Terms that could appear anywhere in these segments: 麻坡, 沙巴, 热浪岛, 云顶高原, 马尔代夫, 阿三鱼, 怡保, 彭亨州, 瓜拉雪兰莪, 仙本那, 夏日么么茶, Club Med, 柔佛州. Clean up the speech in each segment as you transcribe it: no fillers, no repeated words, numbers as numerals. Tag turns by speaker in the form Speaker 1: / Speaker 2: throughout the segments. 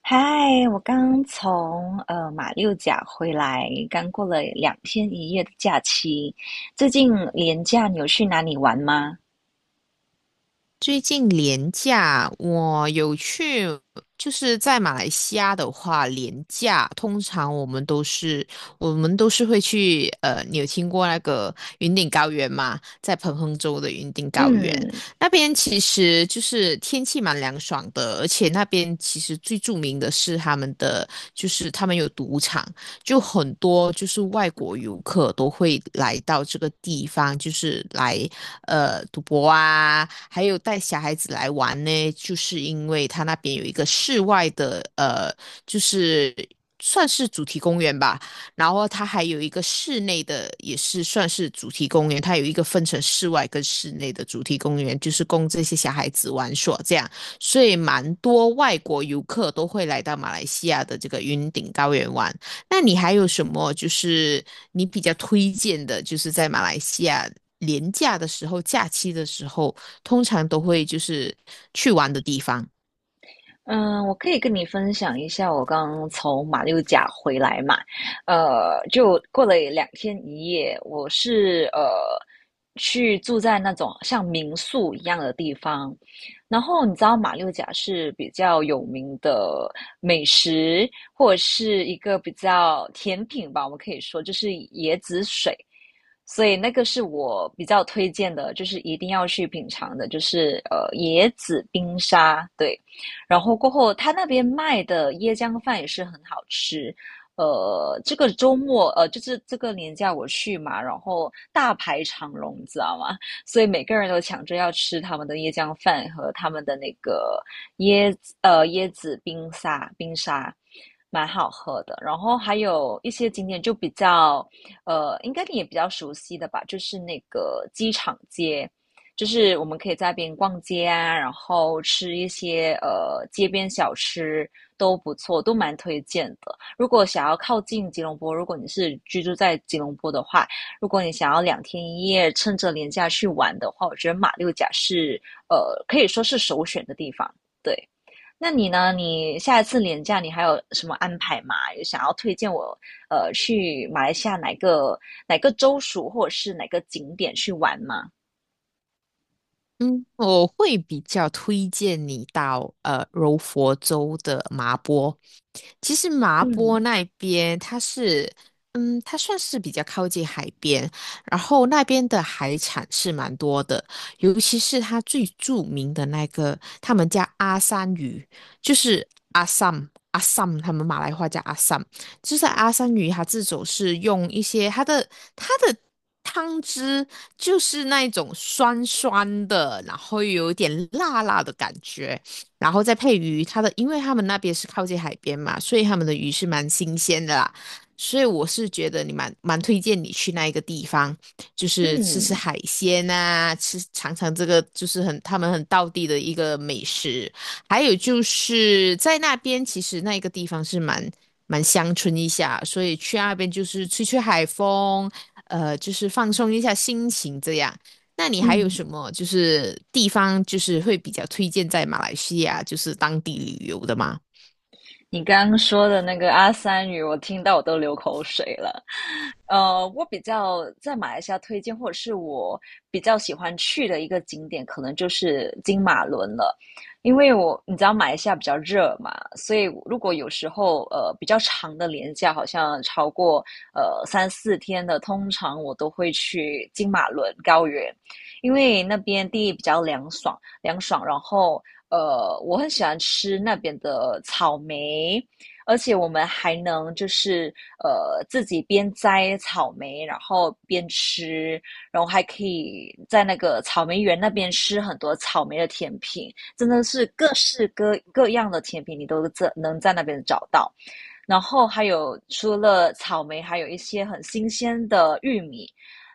Speaker 1: 嗨，我刚从马六甲回来，刚过了两天一夜的假期。最近连假你有去哪里玩吗？
Speaker 2: 最近廉价，我有去，就是在马来西亚的话，廉价通常我们都是会去，你有听过那个云顶高原吗？在彭亨州的云顶高原
Speaker 1: 嗯
Speaker 2: 那边，其实就是天气蛮凉爽的，而且那边其实最著名的是他们的，就是他们有赌场，就很多就是外国游客都会来到这个地方，就是来赌博啊，还有带小孩子来玩呢，就是因为它那边有一个室外的就是算是主题公园吧，然后它还有一个室内的，也是算是主题公园，它有一个分成室外跟室内的主题公园，就是供这些小孩子玩耍这样。所以蛮多外国游客都会来到马来西亚的这个云顶高原玩。那你还有什么就是你比较推荐的，就是在马来西亚廉价的时候、假期的时候，通常都会就是去玩的地方？
Speaker 1: 嗯，我可以跟你分享一下我刚从马六甲回来嘛，就过了两天一夜，我是去住在那种像民宿一样的地方，然后你知道马六甲是比较有名的美食，或者是一个比较甜品吧，我们可以说就是椰子水，所以那个是我比较推荐的，就是一定要去品尝的，就是椰子冰沙，对。然后过后他那边卖的椰浆饭也是很好吃。这个周末就是这个年假我去嘛，然后大排长龙，你知道吗？所以每个人都抢着要吃他们的椰浆饭和他们的那个椰椰子冰沙，蛮好喝的。然后还有一些景点就比较应该你也比较熟悉的吧，就是那个机场街，就是我们可以在那边逛街啊，然后吃一些街边小吃都不错，都蛮推荐的。如果想要靠近吉隆坡，如果你是居住在吉隆坡的话，如果你想要两天一夜趁着年假去玩的话，我觉得马六甲是呃可以说是首选的地方。对，那你呢？你下一次年假你还有什么安排吗？有想要推荐我去马来西亚哪个州属或者是哪个景点去玩吗？
Speaker 2: 嗯，我会比较推荐你到柔佛州的麻波，其实麻坡
Speaker 1: 嗯。
Speaker 2: 那边它是，嗯，它算是比较靠近海边，然后那边的海产是蛮多的，尤其是它最著名的那个，他们叫阿三鱼，就是阿三阿三，他们马来话叫阿三，就是阿三鱼，它这种是用一些它的汤汁，就是那一种酸酸的，然后有一点辣辣的感觉，然后再配鱼，它的，因为他们那边是靠近海边嘛，所以他们的鱼是蛮新鲜的啦，所以我是觉得你蛮推荐你去那一个地方，就是吃吃
Speaker 1: 嗯
Speaker 2: 海鲜啊，吃尝尝这个就是很他们很道地的一个美食，还有就是在那边其实那一个地方是蛮乡村一下，所以去那边就是吹吹海风，就是放松一下心情这样。那你还有
Speaker 1: 嗯，
Speaker 2: 什么就是地方就是会比较推荐在马来西亚就是当地旅游的吗？
Speaker 1: 你刚刚说的那个阿三语，我听到我都流口水了。我比较在马来西亚推荐，或者是我比较喜欢去的一个景点，可能就是金马伦了。因为我你知道马来西亚比较热嘛，所以如果有时候比较长的连假，好像超过三四天的，通常我都会去金马伦高原，因为那边地比较凉爽，凉爽，然后我很喜欢吃那边的草莓，而且我们还能就是自己边摘草莓，然后边吃，然后还可以在那个草莓园那边吃很多草莓的甜品，真的是各式各样的甜品，你都能在那边找到。然后还有除了草莓，还有一些很新鲜的玉米，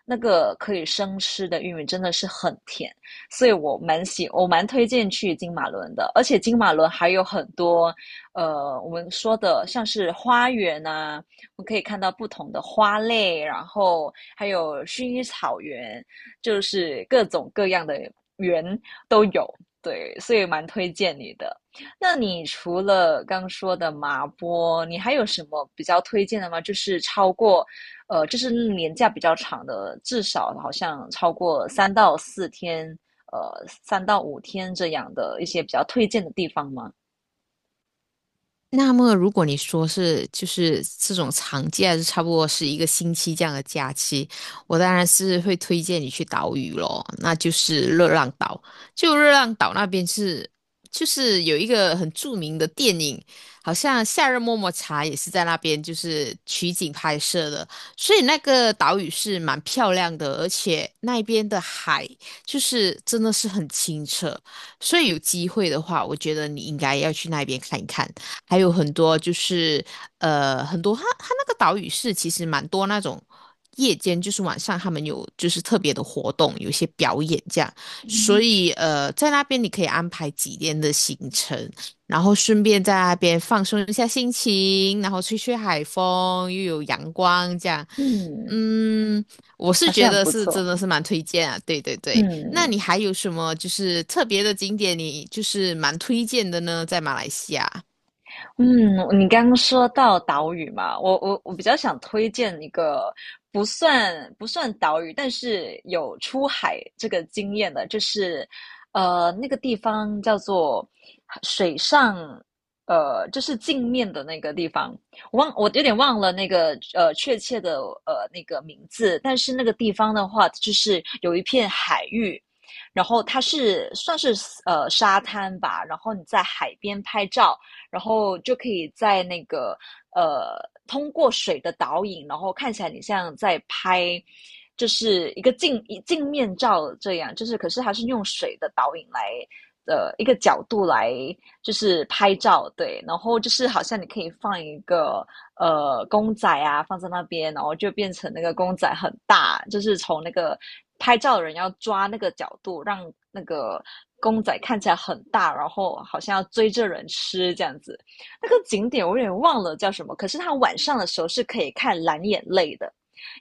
Speaker 1: 那个可以生吃的玉米真的是很甜，所以我蛮推荐去金马伦的。而且金马伦还有很多，我们说的像是花园啊，我们可以看到不同的花类，然后还有薰衣草园，就是各种各样的园都有。对，所以蛮推荐你的。那你除了刚说的麻波，你还有什么比较推荐的吗？就是超过，就是年假比较长的，至少好像超过三到四天，三到五天这样的一些比较推荐的地方吗？
Speaker 2: 那么，如果你说是就是这种长假，就差不多是一个星期这样的假期，我当然是会推荐你去岛屿咯，那就是热浪岛。就热浪岛那边是，就是有一个很著名的电影，好像《夏日么么茶》也是在那边就是取景拍摄的，所以那个岛屿是蛮漂亮的，而且那边的海就是真的是很清澈，所以有机会的话，我觉得你应该要去那边看一看。还有很多就是很多它那个岛屿是其实蛮多那种夜间就是晚上他们有就是特别的活动，有一些表演这样，所以在那边你可以安排几天的行程，然后顺便在那边放松一下心情，然后吹吹海风，又有阳光这样。
Speaker 1: 嗯，
Speaker 2: 嗯，我
Speaker 1: 好
Speaker 2: 是觉
Speaker 1: 像很
Speaker 2: 得
Speaker 1: 不
Speaker 2: 是真
Speaker 1: 错。
Speaker 2: 的是蛮推荐啊，对对对。那
Speaker 1: 嗯，
Speaker 2: 你还有什么就是特别的景点，你就是蛮推荐的呢？在马来西亚。
Speaker 1: 嗯，你刚刚说到岛屿嘛，我比较想推荐一个不算岛屿，但是有出海这个经验的，就是那个地方叫做水上，就是镜面的那个地方，我有点忘了那个确切的那个名字，但是那个地方的话，就是有一片海域。然后它是算是沙滩吧，然后你在海边拍照，然后就可以在那个呃通过水的导影，然后看起来你像在拍。就是一个镜面照这样，就是可是它是用水的导影来一个角度来就是拍照，对，然后就是好像你可以放一个公仔啊放在那边，然后就变成那个公仔很大，就是从那个拍照的人要抓那个角度，让那个公仔看起来很大，然后好像要追着人吃这样子。那个景点我有点忘了叫什么，可是它晚上的时候是可以看蓝眼泪的。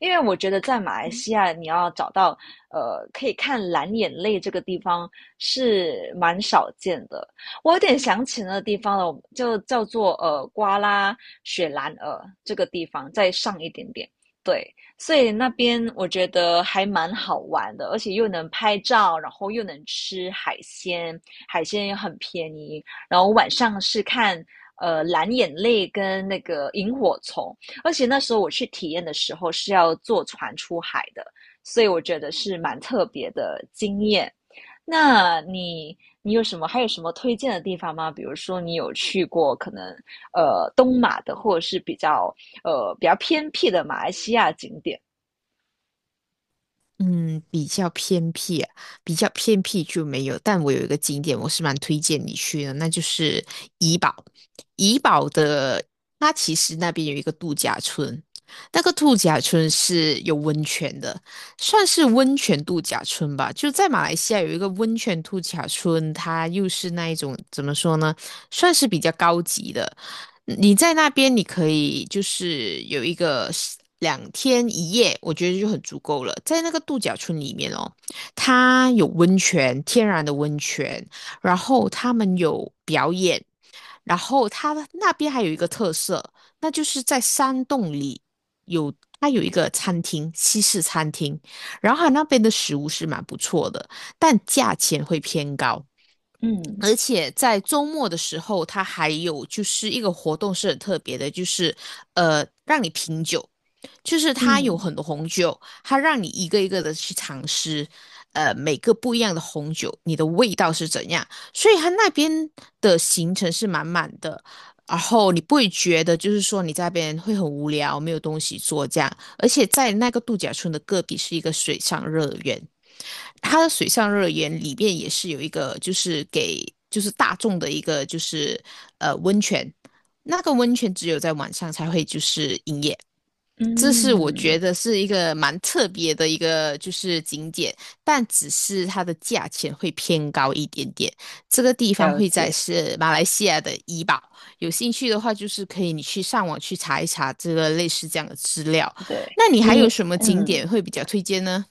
Speaker 1: 因为我觉得在马来西亚，你要找到可以看蓝眼泪这个地方是蛮少见的，我有点想起那个地方了，就叫做瓜拉雪兰莪这个地方，再上一点点。对，所以那边我觉得还蛮好玩的，而且又能拍照，然后又能吃海鲜，海鲜也很便宜。然后晚上是看蓝眼泪跟那个萤火虫，而且那时候我去体验的时候是要坐船出海的，所以我觉得是蛮特别的经验。那你你有什么还有什么推荐的地方吗？比如说你有去过可能东马的，或者是比较比较偏僻的马来西亚景点？
Speaker 2: 嗯，比较偏僻啊，比较偏僻就没有。但我有一个景点，我是蛮推荐你去的，那就是怡保。怡保的，它其实那边有一个度假村，那个度假村是有温泉的，算是温泉度假村吧。就在马来西亚有一个温泉度假村，它又是那一种怎么说呢，算是比较高级的。你在那边，你可以就是有一个是两天一夜，我觉得就很足够了。在那个度假村里面哦，它有温泉，天然的温泉，然后他们有表演，然后它那边还有一个特色，那就是在山洞里有它有一个餐厅，西式餐厅，然后它那边的食物是蛮不错的，但价钱会偏高。
Speaker 1: 嗯
Speaker 2: 而且在周末的时候，它还有就是一个活动是很特别的，就是让你品酒，就是它有
Speaker 1: 嗯
Speaker 2: 很多红酒，它让你一个一个的去尝试，每个不一样的红酒，你的味道是怎样。所以它那边的行程是满满的，然后你不会觉得就是说你在那边会很无聊，没有东西做这样。而且在那个度假村的隔壁是一个水上乐园，它的水上乐园里面也是有一个，就是给就是大众的一个就是温泉，那个温泉只有在晚上才会就是营业，这是我觉
Speaker 1: 嗯，
Speaker 2: 得是一个蛮特别的一个就是景点，但只是它的价钱会偏高一点点。这个地方
Speaker 1: 了
Speaker 2: 会在
Speaker 1: 解。
Speaker 2: 是马来西亚的怡保，有兴趣的话就是可以你去上网去查一查这个类似这样的资料。
Speaker 1: 对
Speaker 2: 那你还有
Speaker 1: 你，
Speaker 2: 什么景
Speaker 1: 嗯，
Speaker 2: 点会比较推荐呢？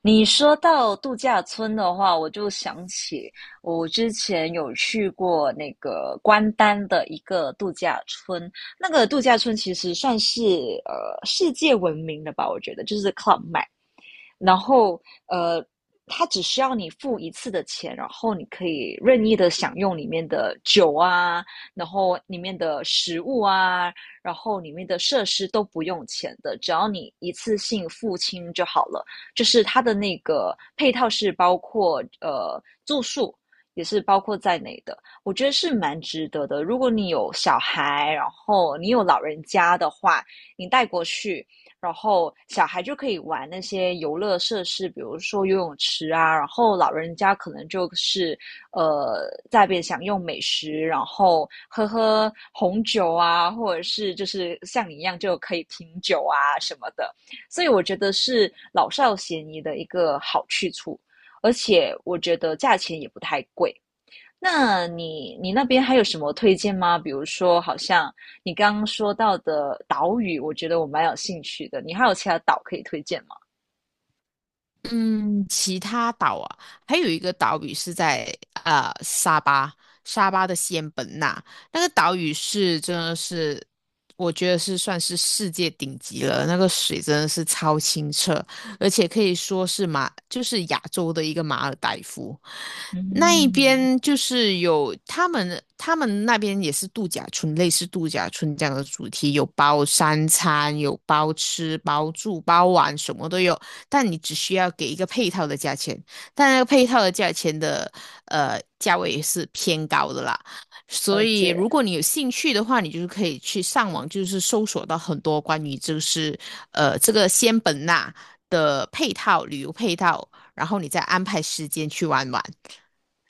Speaker 1: 你说到度假村的话，我就想起我之前有去过那个关丹的一个度假村，那个度假村其实算是世界闻名的吧，我觉得就是 Club Med。然后呃，它只需要你付一次的钱，然后你可以任意的享用里面的酒啊，然后里面的食物啊，然后里面的设施都不用钱的，只要你一次性付清就好了。就是它的那个配套是包括住宿。也是包括在内的，我觉得是蛮值得的。如果你有小孩，然后你有老人家的话，你带过去，然后小孩就可以玩那些游乐设施，比如说游泳池啊，然后老人家可能就是在那边享用美食，然后喝喝红酒啊，或者是就是像你一样就可以品酒啊什么的，所以我觉得是老少咸宜的一个好去处，而且我觉得价钱也不太贵。那你你那边还有什么推荐吗？比如说，好像你刚刚说到的岛屿，我觉得我蛮有兴趣的。你还有其他岛可以推荐吗？
Speaker 2: 嗯，其他岛啊，还有一个岛屿是在沙巴，沙巴的仙本那，那个岛屿是真的是，我觉得是算是世界顶级了，那个水真的是超清澈，而且可以说是马，就是亚洲的一个马尔代夫。那一
Speaker 1: 嗯，
Speaker 2: 边就是有他们，他们那边也是度假村，类似度假村这样的主题，有包三餐，有包吃包住包玩，什么都有。但你只需要给一个配套的价钱，但那个配套的价钱的价位也是偏高的啦。所
Speaker 1: 了
Speaker 2: 以
Speaker 1: 解。
Speaker 2: 如果你有兴趣的话，你就是可以去上网，就是搜索到很多关于就是这个仙本那的配套旅游配套，然后你再安排时间去玩玩。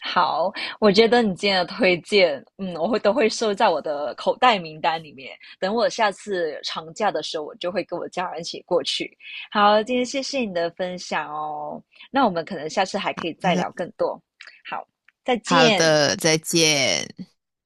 Speaker 1: 好，我觉得你今天的推荐，嗯，我会都会收在我的口袋名单里面。等我下次长假的时候，我就会跟我家人一起过去。好，今天谢谢你的分享哦。那我们可能下次还可以
Speaker 2: 好
Speaker 1: 再
Speaker 2: 的，
Speaker 1: 聊更多。好，再
Speaker 2: 好
Speaker 1: 见。
Speaker 2: 的，再见。